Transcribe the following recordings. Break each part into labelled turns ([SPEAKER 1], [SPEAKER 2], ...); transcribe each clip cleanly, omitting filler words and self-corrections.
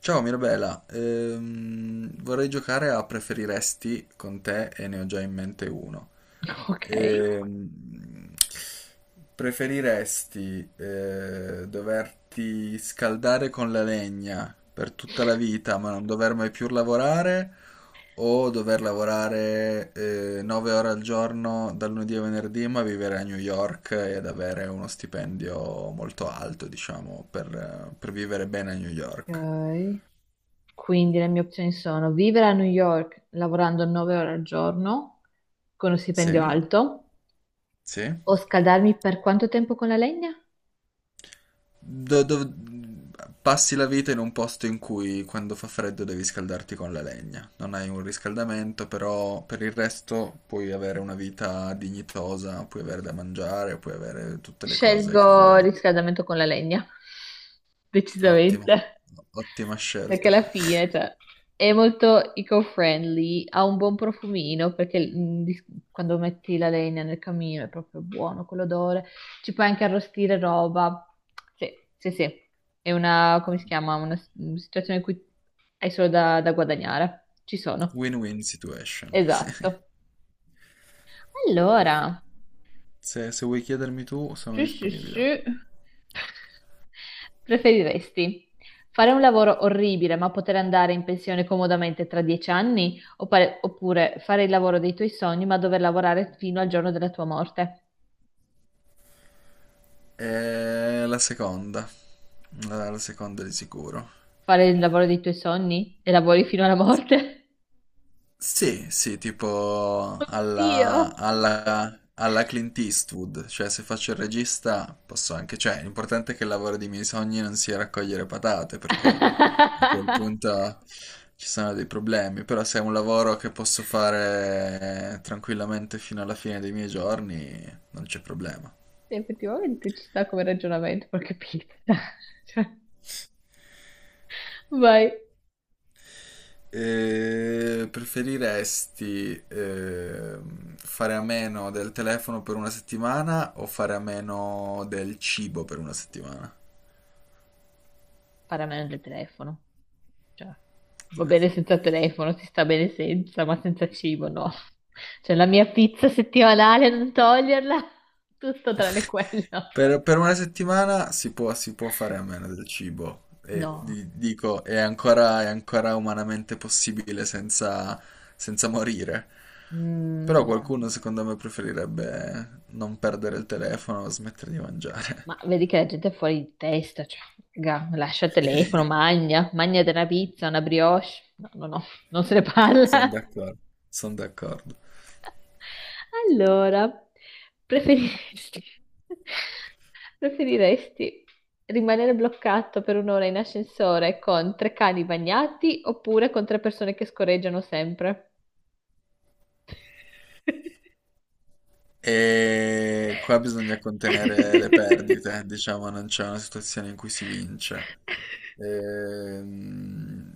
[SPEAKER 1] Ciao Mirabela. Vorrei giocare a preferiresti con te e ne ho già in mente uno.
[SPEAKER 2] Ok.
[SPEAKER 1] Ehm, Preferiresti doverti scaldare con la legna per tutta la vita ma non dover mai più lavorare, o dover lavorare 9 ore al giorno dal lunedì a venerdì, ma vivere a New York ed avere uno stipendio molto alto, diciamo, per vivere bene a New York?
[SPEAKER 2] Ok. Quindi le mie opzioni sono vivere a New York lavorando 9 ore al giorno con uno stipendio
[SPEAKER 1] Sì,
[SPEAKER 2] alto
[SPEAKER 1] sì.
[SPEAKER 2] o scaldarmi per quanto tempo con la legna?
[SPEAKER 1] Do- dov- Passi la vita in un posto in cui quando fa freddo devi scaldarti con la legna. Non hai un riscaldamento, però per il resto puoi avere una vita dignitosa, puoi avere da mangiare, puoi avere tutte le cose che
[SPEAKER 2] Scelgo il
[SPEAKER 1] vuoi.
[SPEAKER 2] riscaldamento con la legna,
[SPEAKER 1] Ottimo,
[SPEAKER 2] decisamente,
[SPEAKER 1] ottima
[SPEAKER 2] perché
[SPEAKER 1] scelta.
[SPEAKER 2] alla fine, cioè, è molto eco-friendly, ha un buon profumino, perché quando metti la legna nel camino è proprio buono quell'odore, ci puoi anche arrostire roba, sì, sì, sì, è una, come si chiama, una situazione in cui hai solo da guadagnare, ci sono,
[SPEAKER 1] Win-win situation.
[SPEAKER 2] esatto.
[SPEAKER 1] Perfetto.
[SPEAKER 2] Allora...
[SPEAKER 1] Se vuoi chiedermi tu, sono
[SPEAKER 2] Sì, sì,
[SPEAKER 1] disponibile.
[SPEAKER 2] sì. Preferiresti fare un lavoro orribile ma poter andare in pensione comodamente tra 10 anni oppure, oppure fare il lavoro dei tuoi sogni ma dover lavorare fino al giorno della tua morte?
[SPEAKER 1] E la seconda, la seconda di sicuro.
[SPEAKER 2] Fare il lavoro dei tuoi sogni e lavori fino alla morte?
[SPEAKER 1] Sì, sì, tipo
[SPEAKER 2] Oddio.
[SPEAKER 1] alla Clint Eastwood, cioè se faccio il regista posso anche, cioè l'importante è che il lavoro dei miei sogni non sia raccogliere patate, perché a quel punto ci sono dei problemi, però se è un lavoro che posso fare tranquillamente fino alla fine dei miei giorni, non c'è problema.
[SPEAKER 2] Sì, effettivamente ci sta come ragionamento, porca pizza. Cioè, vai.
[SPEAKER 1] Preferiresti fare a meno del telefono per una settimana o fare a meno del cibo per una settimana?
[SPEAKER 2] Paramento del telefono. Cioè, va
[SPEAKER 1] Telefono.
[SPEAKER 2] bene senza telefono, si sta bene senza, ma senza cibo no. Cioè, la mia pizza settimanale, non toglierla, tutto tranne quello.
[SPEAKER 1] Per una settimana si può fare a meno del cibo. E
[SPEAKER 2] No,
[SPEAKER 1] dico, è ancora umanamente possibile senza, senza morire. Però
[SPEAKER 2] mm, no, no,
[SPEAKER 1] qualcuno,
[SPEAKER 2] no.
[SPEAKER 1] secondo me, preferirebbe non perdere il telefono, smettere di mangiare.
[SPEAKER 2] Ma vedi che la gente è fuori di testa, cioè, raga, lascia il telefono, magna, magna della pizza, una brioche. No, no, no, non se ne
[SPEAKER 1] Sono
[SPEAKER 2] parla.
[SPEAKER 1] d'accordo, sono d'accordo.
[SPEAKER 2] Allora, preferiresti, preferiresti rimanere bloccato per un'ora in ascensore con tre cani bagnati oppure con tre persone che scorreggiano sempre?
[SPEAKER 1] E qua bisogna contenere le perdite, diciamo, non c'è una situazione in cui si vince. Ehm,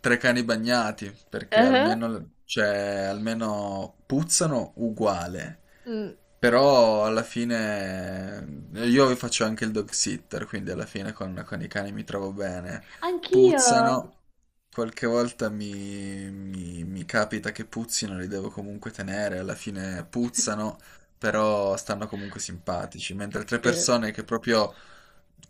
[SPEAKER 1] Tre cani bagnati, perché
[SPEAKER 2] Ah,
[SPEAKER 1] almeno, cioè, almeno puzzano uguale.
[SPEAKER 2] mm.
[SPEAKER 1] Però alla fine io faccio anche il dog sitter, quindi alla fine con i cani mi trovo bene.
[SPEAKER 2] Anch'io.
[SPEAKER 1] Puzzano, qualche volta mi, mi capita che puzzino, li devo comunque tenere, alla fine puzzano, però stanno comunque simpatici, mentre altre
[SPEAKER 2] Sì.
[SPEAKER 1] persone che proprio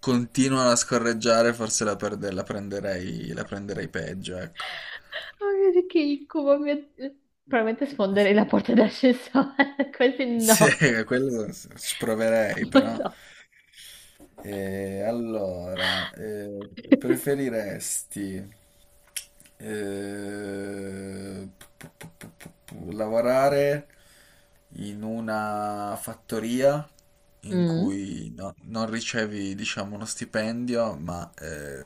[SPEAKER 1] continuano a scorreggiare, forse la prenderei peggio, ecco.
[SPEAKER 2] Oh mio Dio, che incubo, mio Dio. Probabilmente sfonderei la porta d'ascensore, così
[SPEAKER 1] Sì,
[SPEAKER 2] no.
[SPEAKER 1] quello ci proverei, però.
[SPEAKER 2] Madonna.
[SPEAKER 1] E allora, preferiresti eh, p- lavorare in una fattoria in
[SPEAKER 2] Mm,
[SPEAKER 1] cui non ricevi, diciamo, uno stipendio, ma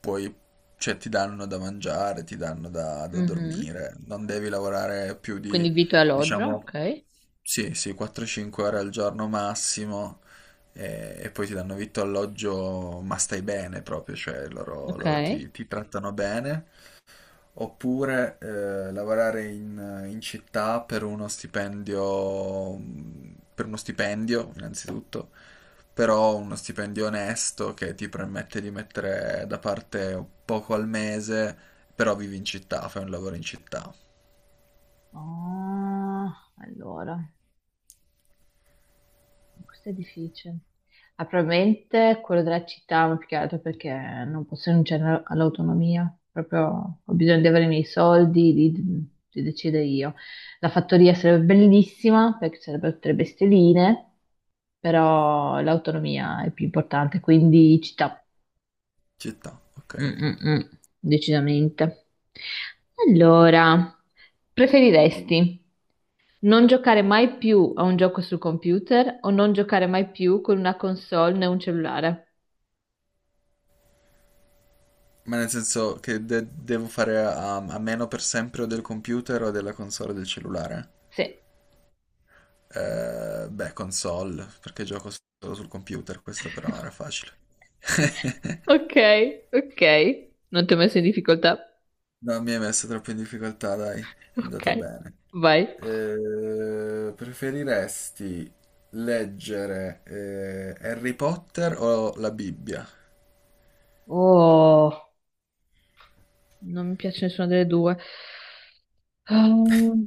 [SPEAKER 1] puoi, cioè, ti danno da mangiare, ti danno da, da
[SPEAKER 2] mhm.
[SPEAKER 1] dormire, non devi lavorare più
[SPEAKER 2] Quindi
[SPEAKER 1] di,
[SPEAKER 2] vitto e alloggio,
[SPEAKER 1] diciamo,
[SPEAKER 2] ok.
[SPEAKER 1] sì, sì, 4-5 ore al giorno massimo, e poi ti danno vitto alloggio, ma stai bene proprio, cioè loro,
[SPEAKER 2] Ok.
[SPEAKER 1] loro ti, ti trattano bene. Oppure lavorare in, in città per uno stipendio innanzitutto, però uno stipendio onesto che ti permette di mettere da parte poco al mese, però vivi in città, fai un lavoro in città.
[SPEAKER 2] Ah, allora. Questo è difficile. Ah, probabilmente quello della città, ma più che altro perché non posso rinunciare all'autonomia. Proprio ho bisogno di avere i miei soldi, di decidere io. La fattoria sarebbe bellissima perché sarebbero tre bestialine, però l'autonomia è più importante, quindi città,
[SPEAKER 1] Città,
[SPEAKER 2] mm,
[SPEAKER 1] ok.
[SPEAKER 2] mm, mm, decisamente. Allora, preferiresti? Non giocare mai più a un gioco sul computer o non giocare mai più con una console né un cellulare.
[SPEAKER 1] Ma nel senso che devo fare a meno per sempre o del computer o della console o del cellulare?
[SPEAKER 2] Sì.
[SPEAKER 1] Beh, console, perché gioco solo sul computer, questa però era facile.
[SPEAKER 2] Ok, ok. Non ti ho messo in difficoltà.
[SPEAKER 1] No, mi hai messo troppo in difficoltà, dai, è andata
[SPEAKER 2] Ok,
[SPEAKER 1] bene.
[SPEAKER 2] vai.
[SPEAKER 1] Preferiresti leggere Harry Potter o la Bibbia?
[SPEAKER 2] Oh, non mi piace nessuna delle due. Ehm,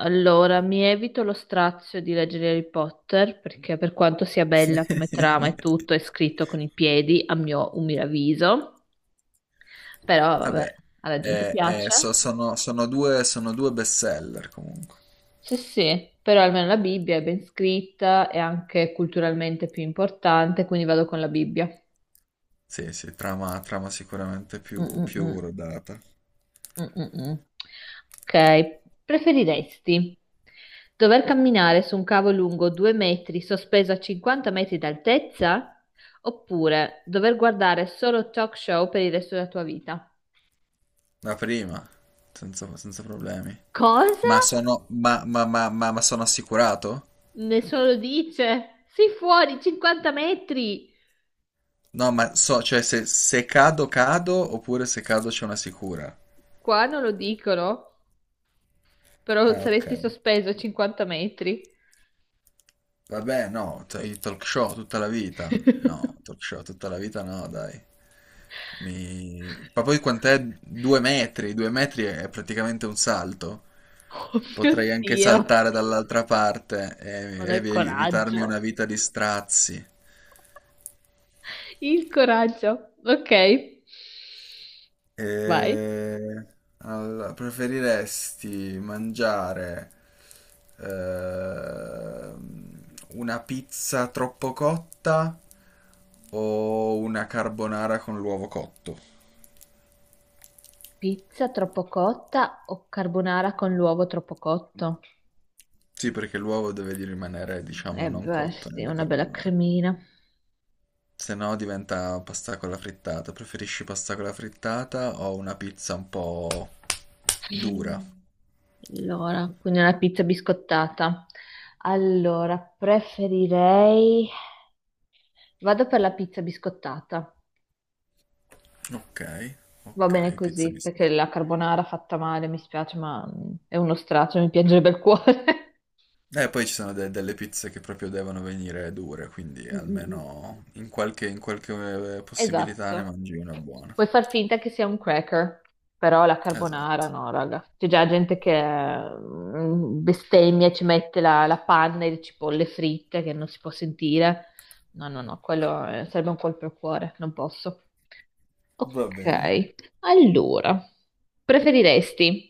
[SPEAKER 2] Allora, mi evito lo strazio di leggere Harry Potter perché per quanto sia bella come trama e tutto, è scritto con i piedi, a mio umile avviso. Però vabbè,
[SPEAKER 1] Vabbè,
[SPEAKER 2] alla gente piace.
[SPEAKER 1] sono due bestseller comunque.
[SPEAKER 2] Sì, sì, però almeno la Bibbia è ben scritta, è anche culturalmente più importante, quindi vado con la Bibbia.
[SPEAKER 1] Sì, sì, trama, trama sicuramente
[SPEAKER 2] Mm,
[SPEAKER 1] più,
[SPEAKER 2] mm,
[SPEAKER 1] più
[SPEAKER 2] mm.
[SPEAKER 1] rodata.
[SPEAKER 2] Mm, mm, mm. Ok, preferiresti dover camminare su un cavo lungo 2 metri sospeso a 50 metri d'altezza oppure dover guardare solo talk show per il resto della tua vita?
[SPEAKER 1] La prima, senza, senza problemi.
[SPEAKER 2] Cosa?
[SPEAKER 1] Ma sono, ma sono assicurato?
[SPEAKER 2] Nessuno lo dice. Sei fuori 50 metri.
[SPEAKER 1] No, ma so, cioè se, se cado, cado, oppure se cado c'è una sicura.
[SPEAKER 2] Qua non lo dicono. Però
[SPEAKER 1] Ah, ok.
[SPEAKER 2] saresti sospeso 50 metri.
[SPEAKER 1] Vabbè, no, i talk show tutta la vita. No, talk show tutta la vita no, dai. Mi... Ma poi quant'è? Due metri è praticamente un salto.
[SPEAKER 2] Oh mio
[SPEAKER 1] Potrei anche
[SPEAKER 2] Dio,
[SPEAKER 1] saltare dall'altra parte
[SPEAKER 2] ma
[SPEAKER 1] e
[SPEAKER 2] dai
[SPEAKER 1] evitarmi una
[SPEAKER 2] coraggio.
[SPEAKER 1] vita di strazi.
[SPEAKER 2] Il coraggio. Ok, vai.
[SPEAKER 1] E allora, preferiresti mangiare ehm, una pizza troppo cotta o una carbonara con l'uovo cotto?
[SPEAKER 2] Pizza troppo cotta o carbonara con l'uovo troppo cotto?
[SPEAKER 1] Sì, perché l'uovo deve di rimanere, diciamo,
[SPEAKER 2] Eh
[SPEAKER 1] non
[SPEAKER 2] beh,
[SPEAKER 1] cotto
[SPEAKER 2] sì,
[SPEAKER 1] nella
[SPEAKER 2] una bella
[SPEAKER 1] carbonara.
[SPEAKER 2] cremina.
[SPEAKER 1] Se no diventa pasta con la frittata. Preferisci pasta con la frittata o una pizza un po' dura?
[SPEAKER 2] Allora, quindi una pizza biscottata. Allora, preferirei... Vado per la pizza biscottata.
[SPEAKER 1] Ok,
[SPEAKER 2] Va
[SPEAKER 1] ok,
[SPEAKER 2] bene
[SPEAKER 1] pizza
[SPEAKER 2] così, perché
[SPEAKER 1] biscotti.
[SPEAKER 2] la carbonara fatta male mi spiace, ma è uno straccio, mi piangerebbe il cuore.
[SPEAKER 1] E poi ci sono delle pizze che proprio devono venire dure, quindi
[SPEAKER 2] Mm, mm, mm.
[SPEAKER 1] almeno in qualche, possibilità ne
[SPEAKER 2] Esatto.
[SPEAKER 1] mangi una buona.
[SPEAKER 2] Puoi far finta che sia un cracker, però la carbonara
[SPEAKER 1] Esatto.
[SPEAKER 2] no, raga. C'è già gente che bestemmia e ci mette la panna e le cipolle fritte che non si può sentire. No, no, no, quello sarebbe un colpo al cuore, non posso.
[SPEAKER 1] Va bene.
[SPEAKER 2] Ok, allora, preferiresti?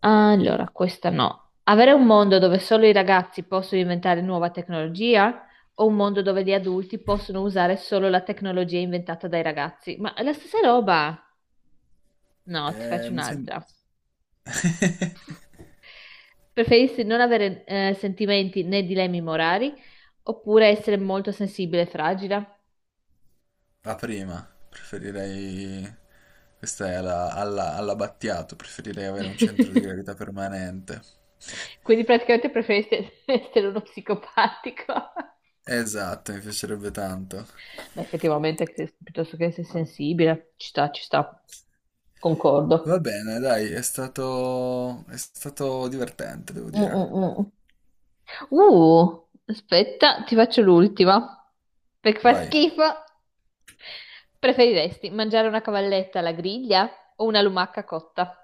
[SPEAKER 2] Allora, questa no. Avere un mondo dove solo i ragazzi possono inventare nuova tecnologia o un mondo dove gli adulti possono usare solo la tecnologia inventata dai ragazzi? Ma è la stessa roba. No, ti faccio
[SPEAKER 1] Mi sembra...
[SPEAKER 2] un'altra. Preferisci non avere sentimenti né dilemmi morali oppure essere molto sensibile e fragile?
[SPEAKER 1] La prima, preferirei... Questa è all'Abbattiato, preferirei avere un centro di gravità permanente.
[SPEAKER 2] Quindi praticamente preferisci essere uno psicopatico.
[SPEAKER 1] Esatto, mi piacerebbe tanto.
[SPEAKER 2] Ma effettivamente, che- piuttosto che essere sensibile, ci sta, ci sta. Concordo.
[SPEAKER 1] Va bene, dai, è stato divertente, devo
[SPEAKER 2] Mm,
[SPEAKER 1] dire.
[SPEAKER 2] mm, mm. Aspetta, ti faccio l'ultima. Perché fa
[SPEAKER 1] Vai.
[SPEAKER 2] schifo. Preferiresti mangiare una cavalletta alla griglia o una lumaca cotta?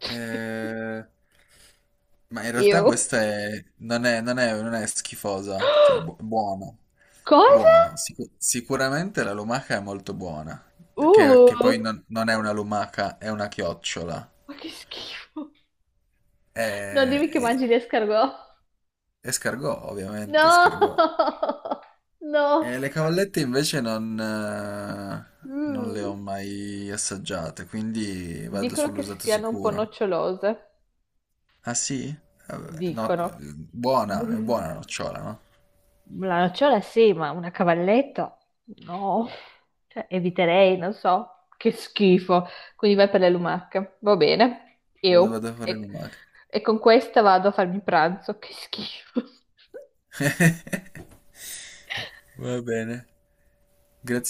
[SPEAKER 1] Eh, ma in realtà
[SPEAKER 2] Io.
[SPEAKER 1] questa è, non è, non è, non è schifosa, cioè buono,
[SPEAKER 2] Cosa?
[SPEAKER 1] buono. Sicuramente la lumaca è molto buona, che poi
[SPEAKER 2] Uh,
[SPEAKER 1] non, non è una lumaca, è una chiocciola.
[SPEAKER 2] ma che schifo.
[SPEAKER 1] È,
[SPEAKER 2] Non dimmi che
[SPEAKER 1] è-
[SPEAKER 2] mangi gli escargot.
[SPEAKER 1] è scargò, ovviamente,
[SPEAKER 2] No!
[SPEAKER 1] scargò.
[SPEAKER 2] No!
[SPEAKER 1] E le cavallette invece non, non le
[SPEAKER 2] Mm.
[SPEAKER 1] ho mai assaggiate, quindi vado
[SPEAKER 2] Dicono che
[SPEAKER 1] sull'usato
[SPEAKER 2] siano un po'
[SPEAKER 1] sicuro.
[SPEAKER 2] nocciolose.
[SPEAKER 1] Ah sì? Vabbè, no,
[SPEAKER 2] Dicono.
[SPEAKER 1] buona, è
[SPEAKER 2] Mm.
[SPEAKER 1] buona la nocciola, no?
[SPEAKER 2] La nocciola sì, ma una cavalletta? No, cioè, eviterei, non so, che schifo. Quindi vai per le lumache, va bene,
[SPEAKER 1] Vado,
[SPEAKER 2] io.
[SPEAKER 1] vado a fare una maga.
[SPEAKER 2] E con questa vado a farmi pranzo, che schifo.
[SPEAKER 1] Va bene. Grazie.